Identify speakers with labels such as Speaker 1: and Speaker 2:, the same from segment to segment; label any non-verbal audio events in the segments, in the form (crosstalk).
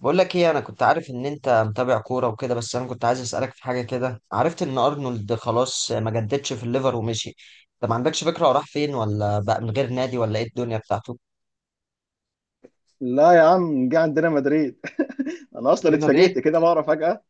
Speaker 1: بقول لك ايه، انا كنت عارف ان انت متابع كوره وكده، بس انا كنت عايز اسالك في حاجه كده. عرفت ان ارنولد خلاص ما جددش في الليفر ومشي. انت ما عندكش فكره هو راح فين، ولا بقى من غير نادي، ولا ايه الدنيا بتاعته؟
Speaker 2: لا يا عم جه عندنا مدريد. (laughs) انا اصلا
Speaker 1: ريال مدريد؟
Speaker 2: اتفاجئت كده بقرا فجأة.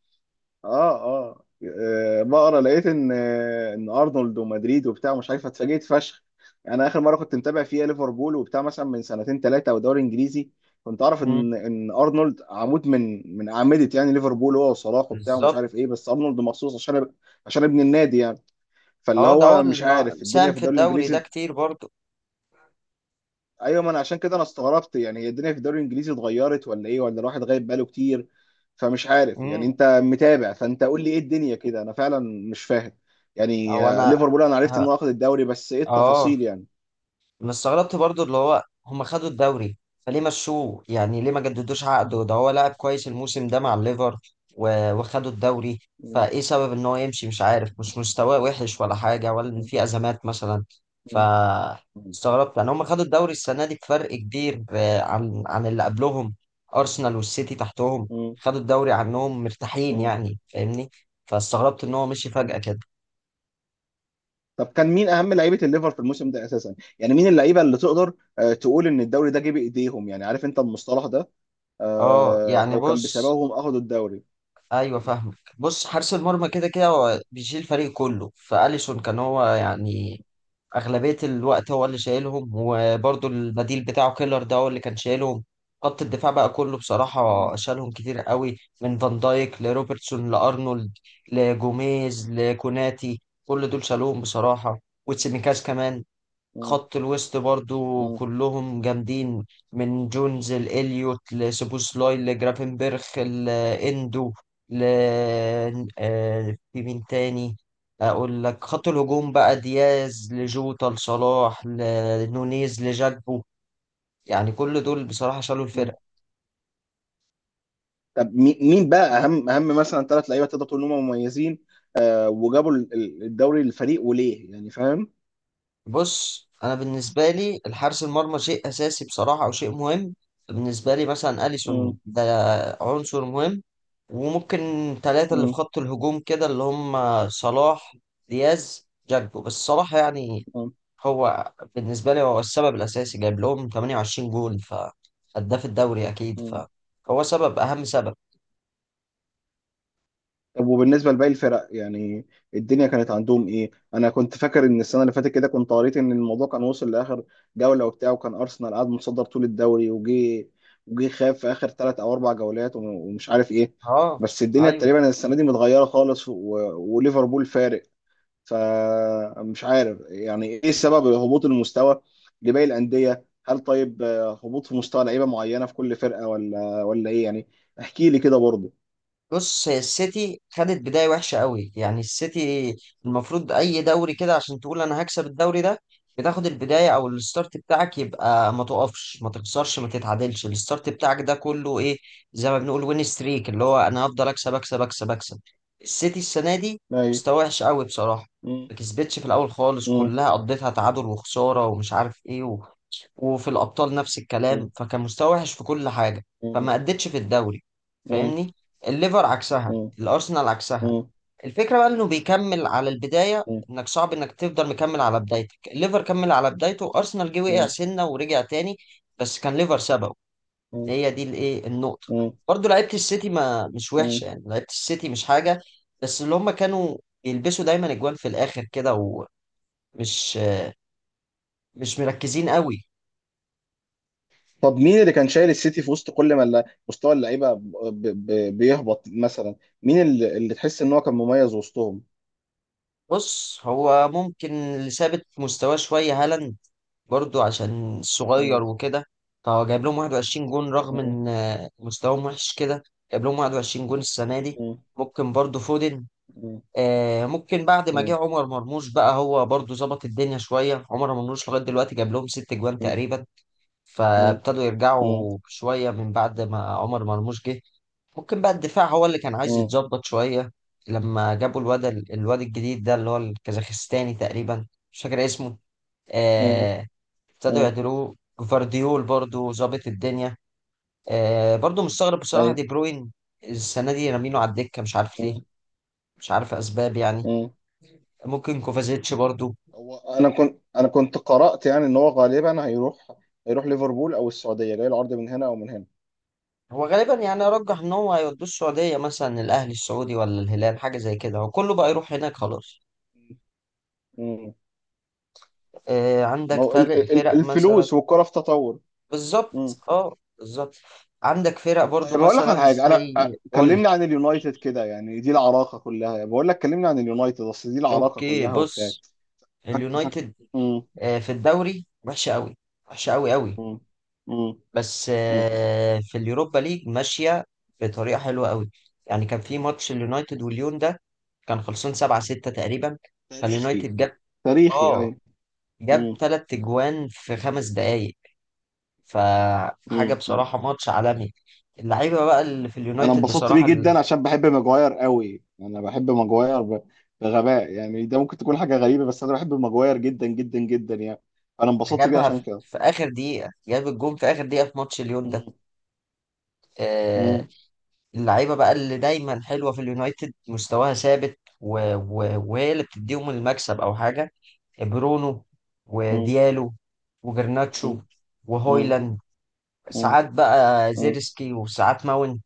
Speaker 2: اه اه بقرا لقيت ان ان ارنولد ومدريد وبتاع مش عارف اتفاجئت فشخ. انا اخر مره كنت متابع فيها ليفربول وبتاع مثلا من سنتين ثلاثه او دوري انجليزي كنت اعرف
Speaker 1: مم.
Speaker 2: ان ارنولد عمود من اعمده يعني ليفربول هو وصلاح وبتاع ومش
Speaker 1: بالظبط.
Speaker 2: عارف ايه، بس ارنولد مخصوص عشان ابن النادي يعني. فاللي
Speaker 1: اه، ده هو
Speaker 2: هو مش
Speaker 1: اللي
Speaker 2: عارف الدنيا
Speaker 1: ساهم
Speaker 2: في
Speaker 1: في
Speaker 2: الدوري
Speaker 1: الدوري ده
Speaker 2: الانجليزي.
Speaker 1: كتير برضه.
Speaker 2: ايوه، ما انا عشان كده انا استغربت، يعني هي الدنيا في الدوري الانجليزي اتغيرت ولا ايه، ولا الواحد غايب بقاله كتير. فمش عارف، يعني
Speaker 1: امم
Speaker 2: انت متابع فانت قول لي ايه الدنيا كده، انا فعلا مش فاهم.
Speaker 1: او
Speaker 2: يعني
Speaker 1: انا
Speaker 2: ليفربول انا عرفت
Speaker 1: ه-
Speaker 2: انه اخذ الدوري، بس ايه
Speaker 1: اه
Speaker 2: التفاصيل يعني؟
Speaker 1: انا استغربت برضو اللي هو هم خدوا الدوري. فليه مشوه؟ يعني ليه ما جددوش عقده؟ ده هو لاعب كويس الموسم ده مع الليفر وخدوا الدوري.
Speaker 2: م-
Speaker 1: فايه سبب ان هو يمشي؟ مش عارف، مش مستواه وحش ولا حاجه، ولا ان
Speaker 2: م-
Speaker 1: في ازمات مثلا. ف
Speaker 2: م-
Speaker 1: استغربت، يعني هم خدوا الدوري السنه دي بفرق كبير، عن اللي قبلهم. ارسنال والسيتي تحتهم،
Speaker 2: م-
Speaker 1: خدوا الدوري عنهم مرتاحين،
Speaker 2: م-
Speaker 1: يعني فاهمني. فاستغربت ان هو مشي
Speaker 2: م.
Speaker 1: فجاه كده.
Speaker 2: طب كان مين اهم لعيبه الليفر في الموسم ده اساسا، يعني مين اللعيبه اللي تقدر تقول ان الدوري ده جه بايديهم، يعني عارف انت المصطلح ده،
Speaker 1: اه، يعني،
Speaker 2: او كان
Speaker 1: بص،
Speaker 2: بسببهم اخذوا الدوري.
Speaker 1: ايوه فاهمك. بص، حارس المرمى كده كده هو
Speaker 2: م-
Speaker 1: بيشيل الفريق كله، فاليسون كان هو
Speaker 2: م-
Speaker 1: يعني اغلبيه الوقت هو اللي شايلهم، وبرده البديل بتاعه كيلر ده هو اللي كان شايلهم. خط الدفاع بقى كله
Speaker 2: م-
Speaker 1: بصراحه شالهم كتير قوي، من فان دايك لروبرتسون لارنولد لجوميز لكوناتي، كل دول شالوهم بصراحه، وتسيميكاس كمان.
Speaker 2: م-
Speaker 1: خط الوسط برضو
Speaker 2: م-
Speaker 1: كلهم جامدين، من جونز لإليوت لسوبوسلاي لجرافنبرخ لإندو ل آه، في مين تاني؟ أقول لك، خط الهجوم بقى دياز لجوتا لصلاح لنونيز لجاكبو، يعني كل دول بصراحة شالوا
Speaker 2: م.
Speaker 1: الفرقة.
Speaker 2: طب مين بقى اهم اهم مثلا ثلاث لعيبه تقدر تقول ان هم مميزين وجابوا الدوري للفريق، وليه يعني، فاهم؟
Speaker 1: بص، انا بالنسبه لي الحارس المرمى شيء اساسي بصراحه، او شيء مهم. بالنسبه لي مثلا اليسون
Speaker 2: مم.
Speaker 1: ده عنصر مهم. وممكن ثلاثه اللي في
Speaker 2: مم.
Speaker 1: خط الهجوم كده، اللي هم صلاح، دياز، جاكبو، بس صلاح يعني
Speaker 2: مم.
Speaker 1: هو بالنسبه لي هو السبب الاساسي، جايب لهم 28 جول، فهداف الدوري اكيد،
Speaker 2: مم.
Speaker 1: فهو سبب، اهم سبب.
Speaker 2: طب وبالنسبه لباقي الفرق يعني الدنيا كانت عندهم ايه؟ انا كنت فاكر ان السنه اللي فاتت كده كنت قريت ان الموضوع كان وصل لاخر جوله وبتاع، وكان ارسنال قاعد متصدر طول الدوري وجي خاف في اخر ثلاث او اربع جولات ومش عارف ايه.
Speaker 1: اه،
Speaker 2: بس الدنيا
Speaker 1: ايوه،
Speaker 2: تقريبا السنه دي متغيره خالص وليفربول فارق. فمش عارف يعني ايه السبب، هبوط المستوى لباقي الانديه، هل طيب هبوط في مستوى لعيبه معينه في كل فرقه ولا ايه يعني؟ احكي لي كده برضه.
Speaker 1: بص، هي السيتي خدت بداية وحشة قوي. يعني السيتي المفروض أي دوري كده عشان تقول أنا هكسب الدوري ده، بتاخد البداية أو الستارت بتاعك يبقى ما تقفش ما تخسرش ما تتعادلش، الستارت بتاعك ده كله إيه، زي ما بنقول وين ستريك، اللي هو أنا هفضل أكسب أكسب أكسب أكسب. السيتي السنة دي
Speaker 2: ايوه.
Speaker 1: مستوى وحش قوي بصراحة،
Speaker 2: مم.
Speaker 1: ما كسبتش في الأول خالص،
Speaker 2: مم.
Speaker 1: كلها قضيتها تعادل وخسارة ومش عارف إيه، وفي الأبطال نفس
Speaker 2: مم.
Speaker 1: الكلام، فكان مستوى وحش في كل حاجة،
Speaker 2: مم.
Speaker 1: فما أدتش في الدوري.
Speaker 2: مم.
Speaker 1: فاهمني، الليفر عكسها،
Speaker 2: مم. مم.
Speaker 1: الأرسنال عكسها.
Speaker 2: مم.
Speaker 1: الفكرة بقى إنه بيكمل على البداية،
Speaker 2: مم.
Speaker 1: إنك صعب إنك تفضل مكمل على بدايتك. الليفر كمل على بدايته، أرسنال جه وقع
Speaker 2: مم.
Speaker 1: سنة ورجع تاني، بس كان ليفر سببه.
Speaker 2: مم.
Speaker 1: هي دي الإيه النقطة. برضه لعيبة السيتي ما مش وحشة،
Speaker 2: مم.
Speaker 1: يعني لعيبة السيتي مش حاجة، بس اللي هم كانوا يلبسوا دايما أجوان في الآخر كده، ومش مش مركزين قوي.
Speaker 2: طب مين اللي كان شايل السيتي في وسط كل ما مستوى اللعيبه بيهبط مثلا، مين اللي تحس ان هو كان مميز وسطهم؟
Speaker 1: بص، هو ممكن اللي ثابت مستواه شوية هالاند، برضو عشان
Speaker 2: مم.
Speaker 1: صغير وكده، فهو جايب لهم 21 جون رغم
Speaker 2: مم.
Speaker 1: ان مستواهم وحش كده، جايب لهم 21 جون السنة دي.
Speaker 2: مم.
Speaker 1: ممكن برضو فودن.
Speaker 2: مم.
Speaker 1: ممكن بعد ما جه
Speaker 2: مم.
Speaker 1: عمر مرموش بقى هو برضو ظبط الدنيا شوية. عمر مرموش لغاية دلوقتي جاب لهم 6 جوان
Speaker 2: مم.
Speaker 1: تقريبا،
Speaker 2: مم.
Speaker 1: فابتدوا يرجعوا شوية من بعد ما عمر مرموش جه. ممكن بقى الدفاع هو اللي كان عايز
Speaker 2: مم.
Speaker 1: يتظبط شوية، لما جابوا الواد الجديد ده اللي هو الكازاخستاني تقريبا، مش فاكر اسمه.
Speaker 2: مم.
Speaker 1: آه، ابتدوا
Speaker 2: مم.
Speaker 1: يعدلوه، جفارديول برضو ظابط الدنيا. برضو مستغرب بصراحة دي
Speaker 2: ايوه.
Speaker 1: بروين، السنة دي رامينه على الدكة مش عارف ليه،
Speaker 2: مم.
Speaker 1: مش عارف أسباب يعني.
Speaker 2: مم.
Speaker 1: ممكن كوفازيتش برضو.
Speaker 2: هو انا كنت قرأت يعني ان هو غالبا هيروح ليفربول او السعودية، جاي العرض من هنا او من هنا.
Speaker 1: هو غالبا يعني أرجح إن هو هيودوه السعودية، مثلا الأهلي السعودي ولا الهلال حاجة زي كده، هو كله بقى يروح هناك خلاص.
Speaker 2: مم. ما
Speaker 1: عندك
Speaker 2: هو
Speaker 1: تلات فرق مثلا.
Speaker 2: الفلوس والكرة في تطور. مم.
Speaker 1: بالظبط، اه بالظبط. عندك فرق
Speaker 2: طيب
Speaker 1: برضو
Speaker 2: هقول لك
Speaker 1: مثلا
Speaker 2: على حاجة، انا
Speaker 1: زي قول لي.
Speaker 2: كلمني عن اليونايتد كده، يعني دي العراقة كلها، بقول لك كلمني عن اليونايتد اصل دي العراقة
Speaker 1: اوكي،
Speaker 2: كلها وبتاع.
Speaker 1: بص،
Speaker 2: فك... فك...
Speaker 1: اليونايتد
Speaker 2: مم.
Speaker 1: في الدوري وحشه قوي، وحشه قوي قوي،
Speaker 2: مم. مم.
Speaker 1: بس
Speaker 2: مم.
Speaker 1: في اليوروبا ليج ماشيه بطريقه حلوه قوي. يعني كان في ماتش اليونايتد والليون ده، كان خلصان 7 6 تقريبا،
Speaker 2: تاريخي.
Speaker 1: فاليونايتد
Speaker 2: تاريخي،
Speaker 1: اه
Speaker 2: ايوه.
Speaker 1: جاب
Speaker 2: مم.
Speaker 1: 3 اجوان في 5 دقائق. فحاجه
Speaker 2: مم.
Speaker 1: بصراحه ماتش عالمي. اللعيبه بقى اللي في
Speaker 2: انا
Speaker 1: اليونايتد
Speaker 2: انبسطت بيه
Speaker 1: بصراحه،
Speaker 2: جدا عشان بحب ماجواير قوي، انا بحب ماجواير بغباء يعني. ده ممكن تكون حاجه غريبه، بس انا بحب ماجواير جدا جدا جدا يعني. انا انبسطت بيه
Speaker 1: جابها
Speaker 2: عشان
Speaker 1: في
Speaker 2: كده.
Speaker 1: في اخر دقيقه، جاب الجون في اخر دقيقه في ماتش ليون ده.
Speaker 2: مم.
Speaker 1: آه
Speaker 2: مم.
Speaker 1: اللعيبه بقى اللي دايما حلوه في اليونايتد مستواها ثابت، و... و... وهي اللي بتديهم المكسب او حاجه: برونو،
Speaker 2: مم.
Speaker 1: وديالو،
Speaker 2: مم.
Speaker 1: وجرناتشو،
Speaker 2: مم.
Speaker 1: وهويلاند،
Speaker 2: مم.
Speaker 1: ساعات بقى
Speaker 2: مم.
Speaker 1: زيرسكي، وساعات ماون.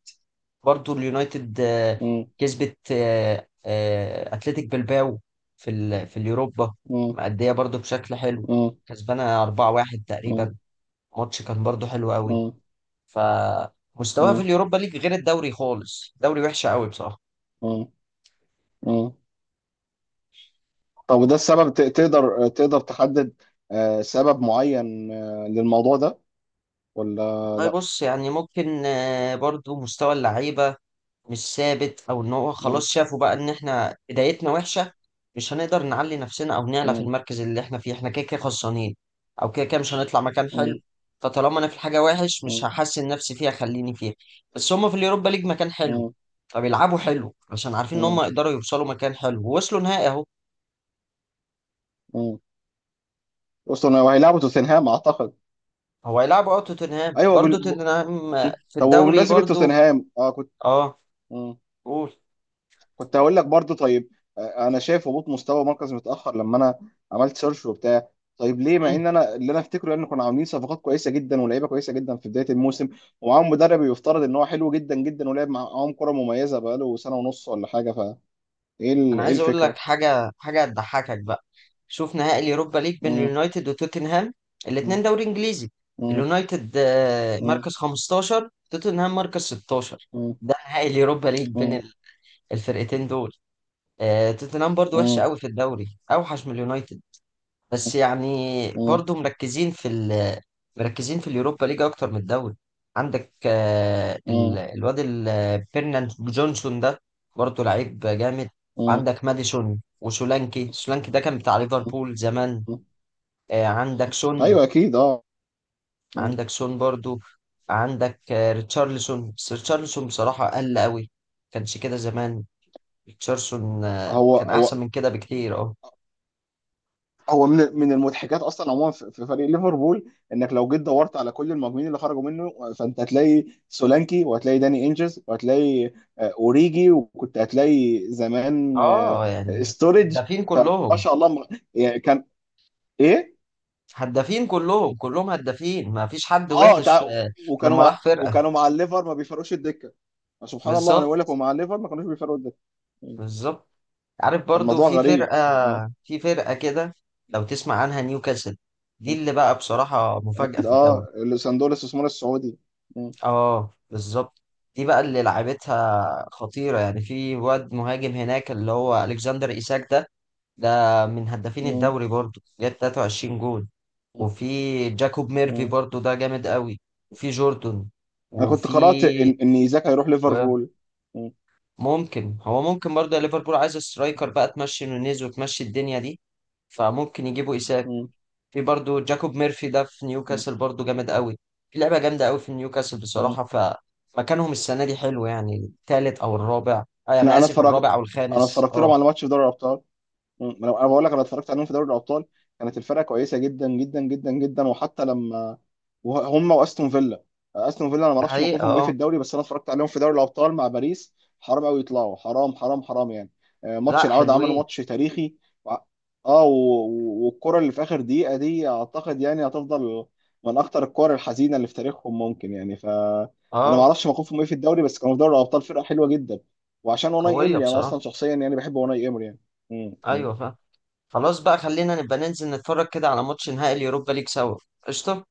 Speaker 1: برضو اليونايتد
Speaker 2: مم.
Speaker 1: كسبت اتلتيك بلباو في اليوروبا،
Speaker 2: مم.
Speaker 1: مأدية برضو بشكل حلو،
Speaker 2: مم.
Speaker 1: كسبانة 4-1 تقريبا، ماتش كان برضو حلو قوي،
Speaker 2: مم.
Speaker 1: فمستواه في
Speaker 2: مم.
Speaker 1: اليوروبا ليج غير الدوري خالص، دوري وحش قوي بصراحة.
Speaker 2: مم. مم. طب وده السبب، تقدر تحدد سبب معين للموضوع ده ولا
Speaker 1: والله،
Speaker 2: لا؟
Speaker 1: بص، يعني ممكن برضو مستوى اللعيبة مش ثابت، او ان هو
Speaker 2: مم.
Speaker 1: خلاص شافوا بقى ان احنا بدايتنا وحشة، مش هنقدر نعلي نفسنا او نعلى في
Speaker 2: مم.
Speaker 1: المركز اللي احنا فيه، احنا كده كده خسرانين، او كده كده مش هنطلع مكان حلو،
Speaker 2: مم.
Speaker 1: فطالما انا في حاجة وحش مش
Speaker 2: مم.
Speaker 1: هحسن نفسي فيها خليني فيها. بس هما في اليوروبا ليج مكان حلو، فبيلعبوا حلو عشان عارفين ان هم
Speaker 2: مم.
Speaker 1: يقدروا يوصلوا مكان حلو، ووصلوا نهائي اهو.
Speaker 2: مم. أصلا وهيلعبوا توتنهام أعتقد.
Speaker 1: هو هيلعبوا توتنهام،
Speaker 2: أيوه
Speaker 1: برضه توتنهام
Speaker 2: م.
Speaker 1: في
Speaker 2: طب
Speaker 1: الدوري
Speaker 2: وبمناسبة
Speaker 1: برضه.
Speaker 2: توتنهام أه كنت.
Speaker 1: اه،
Speaker 2: م.
Speaker 1: قول.
Speaker 2: كنت هقول لك برضو طيب، أنا شايف هبوط مستوى مركز متأخر لما أنا عملت سيرش وبتاع. طيب ليه، مع
Speaker 1: مم.
Speaker 2: إن أنا اللي أنا أفتكره إن كنا عاملين صفقات كويسة جدا ولاعيبة كويسة جدا في بداية الموسم، ومعاهم مدرب يفترض إن هو حلو جدا جدا ولعب معاهم كرة مميزة بقاله سنة ونص ولا حاجة، فإيه
Speaker 1: انا
Speaker 2: إيه
Speaker 1: عايز اقول لك
Speaker 2: الفكرة؟
Speaker 1: حاجه، حاجه هتضحكك بقى. شوف نهائي اليوروبا ليج بين
Speaker 2: م.
Speaker 1: اليونايتد وتوتنهام،
Speaker 2: م.
Speaker 1: الاثنين دوري انجليزي.
Speaker 2: م.
Speaker 1: اليونايتد
Speaker 2: م.
Speaker 1: مركز 15، توتنهام مركز 16،
Speaker 2: م.
Speaker 1: ده نهائي اليوروبا ليج بين
Speaker 2: م.
Speaker 1: الفرقتين دول. توتنهام برضه وحشه
Speaker 2: م.
Speaker 1: قوي في الدوري، اوحش من اليونايتد، بس يعني
Speaker 2: م.
Speaker 1: برضو مركزين في ال مركزين في اليوروبا ليج اكتر من الدوري. عندك
Speaker 2: م.
Speaker 1: الواد فيرناند جونسون ده، برضو لعيب جامد.
Speaker 2: م.
Speaker 1: عندك ماديسون وسولانكي، سولانكي ده كان بتاع
Speaker 2: م.
Speaker 1: ليفربول زمان.
Speaker 2: م.
Speaker 1: عندك
Speaker 2: مم.
Speaker 1: سون،
Speaker 2: ايوه اكيد اه. مم.
Speaker 1: عندك سون برضو. عندك ريتشارلسون، بس ريتشارلسون بصراحة قل قوي، كانش كده زمان. ريتشارلسون
Speaker 2: هو
Speaker 1: كان احسن
Speaker 2: هو
Speaker 1: من كده بكتير. اه،
Speaker 2: هو من المضحكات اصلا عموما في فريق ليفربول انك لو جيت دورت على كل المهاجمين اللي خرجوا منه، فانت هتلاقي سولانكي، وهتلاقي داني انجز، وهتلاقي اوريجي، وكنت هتلاقي زمان
Speaker 1: اه يعني
Speaker 2: ستورج.
Speaker 1: هدافين
Speaker 2: فما
Speaker 1: كلهم.
Speaker 2: شاء الله. يعني كان ايه.
Speaker 1: هدافين كلهم، كلهم هدافين، ما فيش حد
Speaker 2: اه
Speaker 1: وحش
Speaker 2: وكانوا
Speaker 1: لما
Speaker 2: مع
Speaker 1: راح فرقة.
Speaker 2: وكانوا مع الليفر ما بيفرقوش الدكه. سبحان الله، ما انا بقول لك،
Speaker 1: بالظبط،
Speaker 2: ومع الليفر ما كانوش بيفرقوا الدكه. مم.
Speaker 1: بالظبط. عارف برضو
Speaker 2: فالموضوع
Speaker 1: في
Speaker 2: غريب.
Speaker 1: فرقة
Speaker 2: مم.
Speaker 1: في فرقة كده لو تسمع عنها: نيوكاسل. دي اللي بقى بصراحة مفاجأة
Speaker 2: اكيد
Speaker 1: في
Speaker 2: اه.
Speaker 1: الدوري.
Speaker 2: صندوق الاستثمار السعودي. م-
Speaker 1: اه، بالظبط. دي بقى اللي لعبتها خطيرة، يعني في واد مهاجم هناك اللي هو ألكسندر إيساك ده، ده من هدافين
Speaker 2: م-
Speaker 1: الدوري برضو، جاب 23 جول.
Speaker 2: م-
Speaker 1: وفي جاكوب ميرفي
Speaker 2: م.
Speaker 1: برضو ده جامد قوي، وفي جوردون،
Speaker 2: انا كنت
Speaker 1: وفي
Speaker 2: قرأت ان ايزاك هيروح ليفربول. م-
Speaker 1: ممكن هو، ممكن برضه ليفربول عايز سترايكر بقى، تمشي نونيز وتمشي الدنيا دي، فممكن يجيبوا إيساك.
Speaker 2: م-
Speaker 1: في برضه جاكوب ميرفي ده في
Speaker 2: م-
Speaker 1: نيوكاسل برضه جامد قوي. في لعبة جامدة قوي في نيوكاسل
Speaker 2: م.
Speaker 1: بصراحة، فمكانهم السنة دي حلو، يعني التالت أو الرابع،
Speaker 2: انا
Speaker 1: أنا
Speaker 2: انا
Speaker 1: آسف،
Speaker 2: اتفرجت،
Speaker 1: الرابع أو
Speaker 2: انا
Speaker 1: الخامس.
Speaker 2: اتفرجت لهم
Speaker 1: أه،
Speaker 2: على ماتش في دوري الابطال. مم. انا بقول لك انا اتفرجت عليهم في دوري الابطال، كانت الفرقه كويسه جدا جدا جدا جدا، وحتى لما هم واستون فيلا. استون فيلا انا ما
Speaker 1: دي
Speaker 2: اعرفش
Speaker 1: حقيقة.
Speaker 2: موقفهم ايه في
Speaker 1: أه،
Speaker 2: الدوري، بس انا اتفرجت عليهم في دوري الابطال مع باريس. حرام قوي يطلعوا، حرام حرام حرام يعني.
Speaker 1: لا
Speaker 2: ماتش العوده عملوا
Speaker 1: حلوين.
Speaker 2: ماتش تاريخي. وع- اه والكره اللي في اخر دقيقه دي اعتقد يعني هتفضل من اخطر الكور الحزينه اللي في تاريخهم ممكن يعني. ف انا ما
Speaker 1: أه،
Speaker 2: اعرفش موقفهم ايه في الدوري، بس كانوا في دوري الابطال فرقه حلوه جدا. وعشان وناي
Speaker 1: قوية
Speaker 2: امري، انا اصلا
Speaker 1: بصراحة.
Speaker 2: شخصيا يعني بحب وناي امري يعني. مم. مم.
Speaker 1: أيوة فاهم. خلاص بقى، خلينا نبقى ننزل نتفرج كده على ماتش نهائي اليوروبا ليج سوا. قشطة.